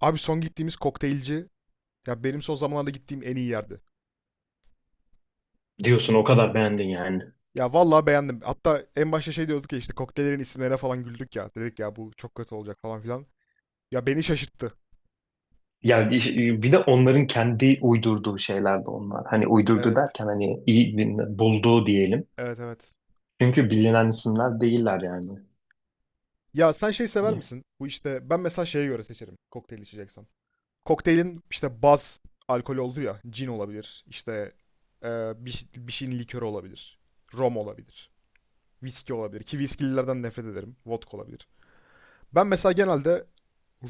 Abi son gittiğimiz kokteylci ya benim son zamanlarda gittiğim en iyi yerdi. Diyorsun o kadar beğendin yani. Ya vallahi beğendim. Hatta en başta şey diyorduk ya işte kokteyllerin isimlerine falan güldük ya. Dedik ya bu çok kötü olacak falan filan. Ya beni şaşırttı. Bir de onların kendi uydurduğu şeyler de onlar. Hani uydurdu Evet. derken hani bulduğu diyelim. Evet evet. Çünkü bilinen isimler değiller yani. Ya sen şey sever misin? Bu işte ben mesela şeye göre seçerim kokteyl içeceksem. Kokteylin işte baz alkol olduğu ya. Cin olabilir. İşte e, bir şeyin likörü olabilir. Rom olabilir. Viski olabilir. Ki viskililerden nefret ederim. Vodka olabilir. Ben mesela genelde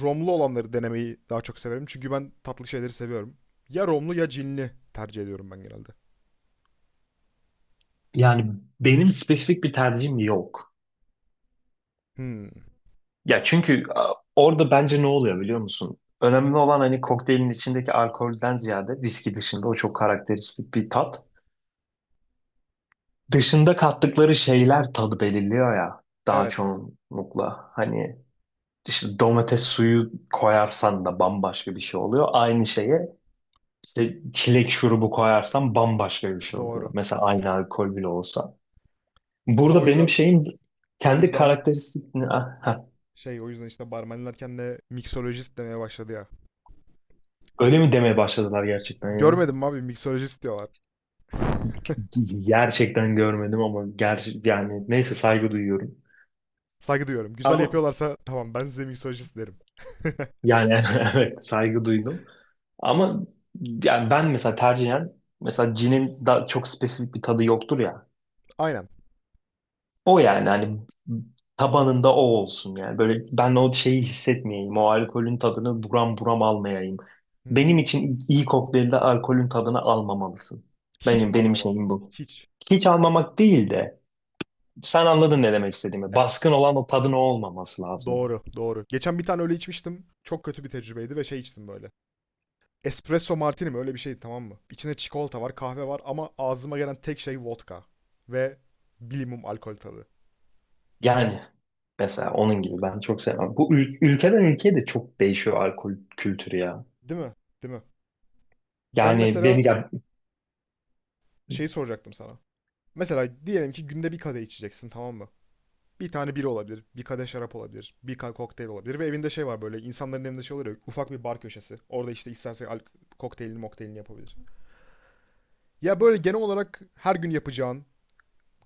romlu olanları denemeyi daha çok severim. Çünkü ben tatlı şeyleri seviyorum. Ya romlu ya cinli tercih ediyorum ben genelde. Yani benim spesifik bir tercihim yok. Hmm. Ya çünkü orada bence ne oluyor biliyor musun? Önemli olan hani kokteylin içindeki alkolden ziyade viski dışında o çok karakteristik bir tat. Dışında kattıkları şeyler tadı belirliyor ya daha Evet. çoğunlukla. İşte domates suyu koyarsan da bambaşka bir şey oluyor. Aynı şeye işte çilek şurubu koyarsan bambaşka bir şey oluyor. Doğru. Mesela aynı alkol bile olsa. Zaten Burada o benim yüzden şeyim o kendi yüzden karakteristik... Ah, ha. şey o yüzden işte barmenler kendine miksolojist demeye başladı ya. Öyle mi demeye başladılar gerçekten ya? Görmedim mi abi miksolojist diyorlar. Gerçekten görmedim ama yani neyse saygı duyuyorum. Saygı duyuyorum. Güzel Ama yapıyorlarsa tamam ben size miksolojist derim. yani evet saygı duydum. Ama yani ben mesela tercihen mesela cinin daha çok spesifik bir tadı yoktur ya. Aynen. O yani hani tabanında o olsun yani. Böyle ben o şeyi hissetmeyeyim. O alkolün tadını buram buram almayayım. Benim Hmm. için iyi kokteylde alkolün tadını almamalısın. Hiç Benim mi benim alamazdım? şeyim bu. Hiç. Hiç almamak değil de sen anladın ne demek istediğimi. Evet. Baskın olan o tadın o olmaması lazım. Doğru, doğru. Geçen bir tane öyle içmiştim. Çok kötü bir tecrübeydi ve şey içtim böyle. Espresso martini mi? Öyle bir şeydi, tamam mı? İçinde çikolata var, kahve var ama ağzıma gelen tek şey vodka. Ve bilimum alkol tadı. Yani mesela onun gibi ben çok sevmem. Ülkeden ülkeye de çok değişiyor alkol kültürü ya. Değil mi? Değil mi? Ben Yani mesela beni ya, şeyi soracaktım sana. Mesela diyelim ki günde bir kadeh içeceksin tamam mı? Bir tane biri olabilir, bir kadeh şarap olabilir, kokteyl olabilir ve evinde şey var böyle insanların evinde şey olur ya ufak bir bar köşesi. Orada işte kokteylini mokteylini yapabilir. Ya böyle genel olarak her gün yapacağın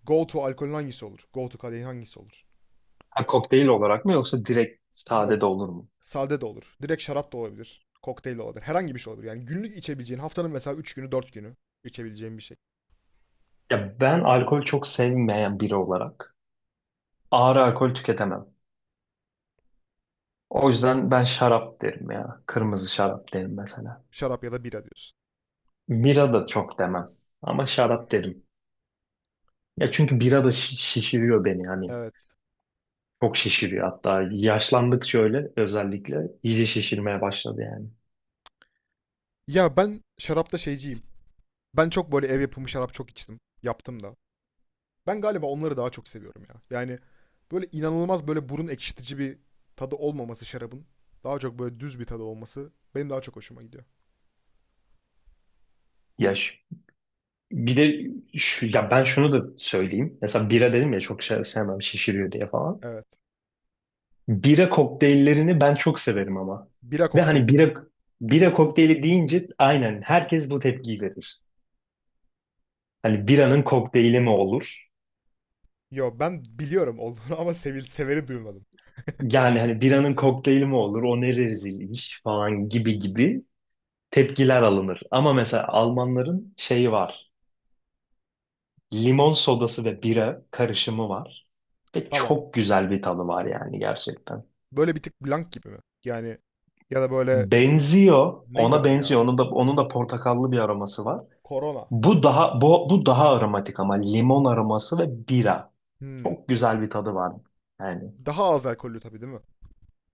go to alkolün hangisi olur? Go to kadehin hangisi olur? ha, kokteyl olarak mı yoksa direkt sade Yok. de olur mu? Sade de olur. Direkt şarap da olabilir. Kokteyl de olabilir. Herhangi bir şey olabilir. Yani günlük içebileceğin haftanın mesela 3 günü 4 günü içebileceğin bir şey. Ya ben alkol çok sevmeyen biri olarak ağır alkol tüketemem. O yüzden ben şarap derim ya. Kırmızı şarap derim mesela. Şarap ya da bira diyorsun. Bira da çok demem ama şarap derim. Ya çünkü bira da şişiriyor beni hani. Evet. Çok şişiriyor hatta yaşlandıkça öyle özellikle iyice şişirmeye başladı yani. Ya ben şarapta şeyciyim. Ben çok böyle ev yapımı şarap çok içtim. Yaptım da. Ben galiba onları daha çok seviyorum ya. Yani böyle inanılmaz böyle burun ekşitici bir tadı olmaması şarabın. Daha çok böyle düz bir tadı olması benim daha çok hoşuma gidiyor. Yaş. Bir de şu, ya ben şunu da söyleyeyim. Mesela bira dedim ya çok şey sevmem şişiriyor diye falan. Evet. Bira kokteyllerini ben çok severim ama. Bira Ve kokteyli mi? Bira kokteyli deyince aynen herkes bu tepkiyi verir. Hani biranın kokteyli mi olur? Yo ben biliyorum olduğunu ama sevil severi duymadım. Yani hani biranın kokteyli mi olur? O ne rezil iş falan gibi gibi tepkiler alınır. Ama mesela Almanların şeyi var. Limon sodası ve bira karışımı var. Ve Tamam. çok güzel bir tadı var yani gerçekten. Böyle bir tık blank gibi mi? Yani ya da böyle Benziyor. neydi Ona adı ya? benziyor. Onun da portakallı bir aroması var. Corona. Bu daha aromatik ama limon aroması ve bira. Hmm. Çok güzel bir tadı var. Yani Daha az alkollü tabii değil mi?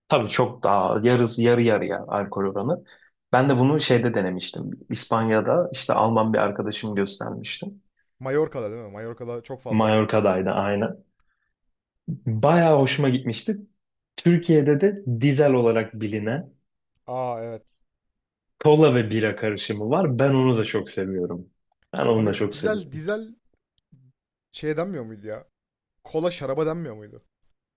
tabii çok daha yarısı yarı yarıya alkol oranı. Ben de bunu şeyde denemiştim. İspanya'da işte Alman bir arkadaşım göstermişti. Mallorca'da değil mi? Mallorca'da çok fazla almak var. Mallorca'daydı aynen. Bayağı hoşuma gitmişti. Türkiye'de de dizel olarak bilinen Aa evet. kola ve bira karışımı var. Ben onu da çok seviyorum. Ben onu da Abi çok dizel seviyorum. dizel şeye denmiyor muydu ya? Kola şaraba denmiyor muydu?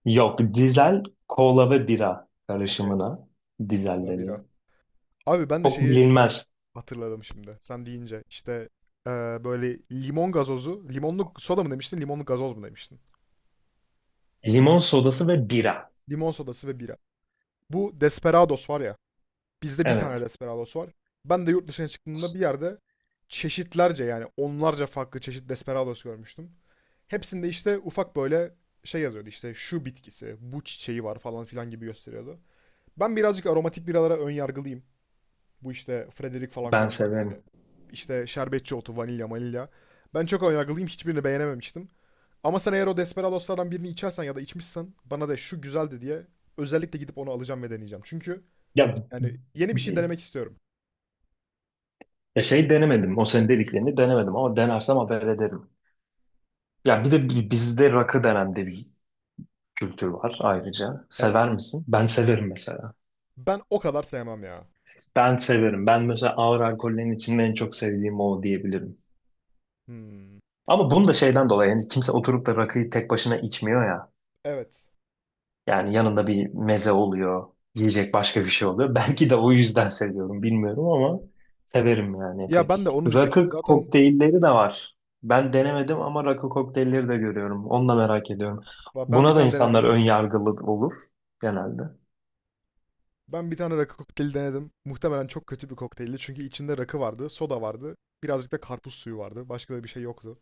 Yok, dizel kola ve bira Okey. karışımına dizel Kola bira. deniyor. Abi ben de Çok şeyi bilinmez. hatırladım şimdi. Sen deyince işte eee, böyle limon gazozu, limonlu soda mı demiştin, limonlu gazoz mu demiştin? Limon sodası ve bira. Limon sodası ve bira. Bu Desperados var ya. Bizde bir tane Evet, Desperados var. Ben de yurt dışına çıktığımda bir yerde çeşitlerce yani onlarca farklı çeşit Desperados görmüştüm. Hepsinde işte ufak böyle şey yazıyordu işte şu bitkisi, bu çiçeği var falan filan gibi gösteriyordu. Ben birazcık aromatik biralara ön yargılıyım. Bu işte Frederick falan ben filan vardı yani. severim. İşte şerbetçi otu, vanilya, vanilya. Ben çok önyargılıyım. Hiçbirini beğenememiştim. Ama sen eğer o Desperados'lardan birini içersen ya da içmişsen bana de şu güzeldi diye özellikle gidip onu alacağım ve deneyeceğim. Çünkü Ya, yani yeni bir şey denemek istiyorum. ya şey denemedim. O senin dediklerini denemedim ama denersem haber ederim. Ya bir de bizde rakı denen de bir kültür var ayrıca. Sever Evet. misin? Ben severim mesela. Ben o kadar sevmem ya. Ben severim. Ben mesela ağır alkollerin içinde en çok sevdiğim o diyebilirim. Hmm. Ama bunu da şeyden dolayı yani kimse oturup da rakıyı tek başına içmiyor ya. Evet. Yani yanında bir meze oluyor, yiyecek başka bir şey oluyor. Belki de o yüzden seviyorum, bilmiyorum ama severim yani Ya epey. ben de onu diyecektim. Rakı Zaten kokteylleri de var. Ben denemedim ama rakı kokteylleri de görüyorum. Onu da merak ediyorum. Ben bir Buna da tane insanlar denedim. ön yargılı olur genelde. Ben bir tane rakı kokteyli denedim. Muhtemelen çok kötü bir kokteyldi. Çünkü içinde rakı vardı, soda vardı. Birazcık da karpuz suyu vardı. Başka da bir şey yoktu.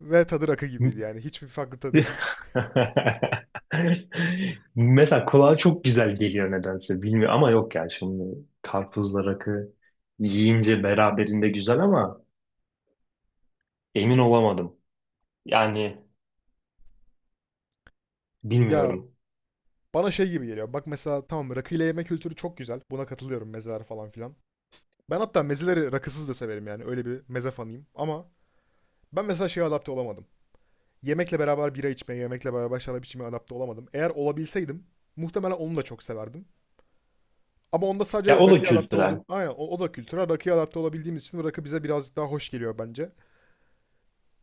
Ve tadı rakı gibiydi yani. Hiçbir farklı tadı yok. Mesela kulağa çok güzel geliyor nedense bilmiyorum ama yok ya şimdi karpuzla rakı yiyince beraberinde güzel ama emin olamadım. Yani Ya bilmiyorum. bana şey gibi geliyor. Bak mesela tamam rakıyla yemek kültürü çok güzel. Buna katılıyorum mezeler falan filan. Ben hatta mezeleri rakısız da severim yani. Öyle bir meze fanıyım. Ama ben mesela şeye adapte olamadım. Yemekle beraber bira içmeye, yemekle beraber şarap içmeye adapte olamadım. Eğer olabilseydim muhtemelen onu da çok severdim. Ama onda sadece Ya o da rakıya adapte kültürel. olduğum, aynen o, o da kültüre rakıya adapte olabildiğimiz için rakı bize birazcık daha hoş geliyor bence.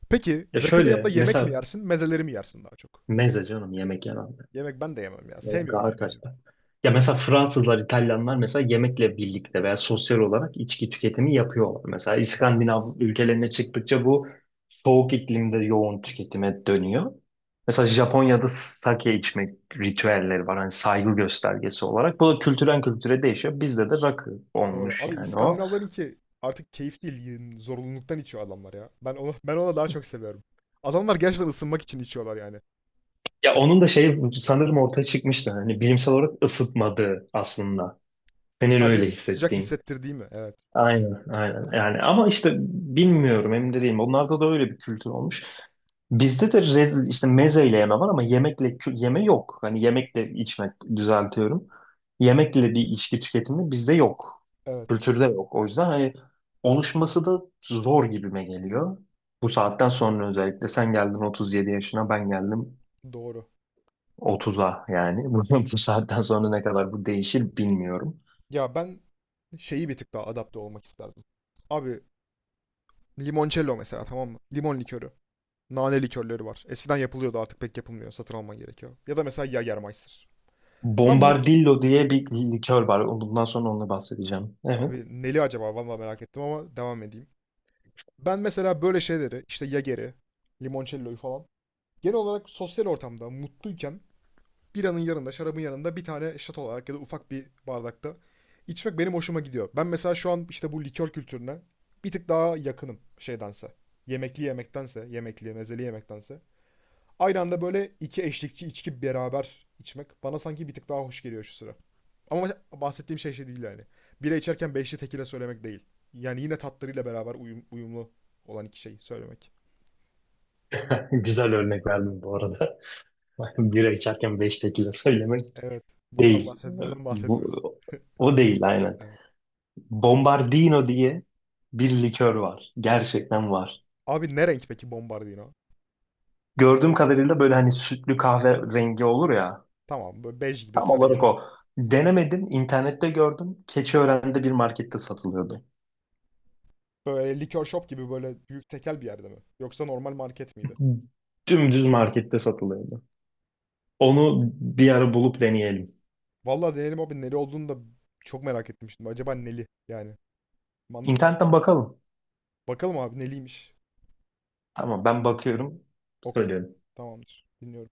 Peki Ya rakının yanında şöyle yemek mi mesela yersin, mezeleri mi yersin daha çok? meze canım yemek yenen. Yemek ben de yemem ya. Yemek Sevmiyorum ağır yemeği. kaçar. Ya mesela Fransızlar, İtalyanlar mesela yemekle birlikte veya sosyal olarak içki tüketimi yapıyorlar. Mesela Evet, İskandinav ülkelerine çıktıkça bu soğuk iklimde yoğun tüketime dönüyor. Mesela Japonya'da sake içmek ritüelleri var. Hani saygı göstergesi olarak. Bu da doğru. kültürden kültüre değişiyor. Bizde de rakı Doğru. olmuş Abi yani o. İskandinavların ki artık keyif değil, zorunluluktan içiyor adamlar ya. Ben onu ona daha çok seviyorum. Adamlar gerçekten ısınmak için içiyorlar yani. Ya onun da şey sanırım ortaya çıkmıştı. Hani bilimsel olarak ısıtmadığı aslında. Senin öyle Sadece sıcak hissettiğin. hissettirdiği mi? Evet. Aynen, aynen. Yani ama işte bilmiyorum, emin de değilim. Onlarda da öyle bir kültür olmuş. Bizde de rezil, işte mezeyle yeme var ama yeme yok. Hani yemekle içmek düzeltiyorum. Yemekle bir içki tüketimi bizde yok. Evet. Kültürde yok. O yüzden hani oluşması da zor gibime geliyor. Bu saatten sonra özellikle sen geldin 37 yaşına, ben geldim Doğru. 30'a yani. Bu saatten sonra ne kadar bu değişir bilmiyorum. Ya ben şeyi bir tık daha adapte olmak isterdim. Abi limoncello mesela tamam mı? Limon likörü. Nane likörleri var. Eskiden yapılıyordu artık pek yapılmıyor. Satın alman gerekiyor. Ya da mesela Jägermeister. Ben mut... Bombardillo diye bir likör var. Bundan sonra onu bahsedeceğim. Evet. Abi neli acaba? Vallahi merak ettim ama devam edeyim. Ben mesela böyle şeyleri işte Jager'i, limoncello'yu falan genel olarak sosyal ortamda mutluyken biranın yanında, şarabın yanında bir tane şat olarak ya da ufak bir bardakta içmek benim hoşuma gidiyor. Ben mesela şu an işte bu likör kültürüne bir tık daha yakınım şeydense. Yemekli yemektense, yemekli, mezeli yemektense. Aynı anda böyle iki eşlikçi içki beraber içmek bana sanki bir tık daha hoş geliyor şu sıra. Ama bahsettiğim şey şey değil yani. Bira içerken beşli tekile söylemek değil. Yani yine tatlarıyla beraber uyumlu olan iki şey söylemek. Güzel örnek verdim bu arada. Bira içerken 5 tekila söylemek Evet. Değil. Bundan Bu, bahsetmiyoruz. o değil aynen. Evet. Bombardino diye bir likör var. Gerçekten var. Abi ne renk peki Bombardino? Gördüğüm kadarıyla böyle hani sütlü kahve rengi olur ya. Tamam böyle bej gibi, Tam sarı olarak gibi. o. Denemedim. İnternette gördüm. Keçiören'de bir markette satılıyordu. Böyle likör shop gibi böyle büyük tekel bir yerde mi? Yoksa normal market miydi? Dümdüz markette satılıyordu. Onu bir ara bulup deneyelim. Vallahi deneyelim abi neli olduğunu da çok merak ettim şimdi. Acaba neli yani. Man- İnternetten bakalım. Bakalım abi neliymiş. Tamam ben bakıyorum. Okey. Söylüyorum. Tamamdır. Dinliyorum.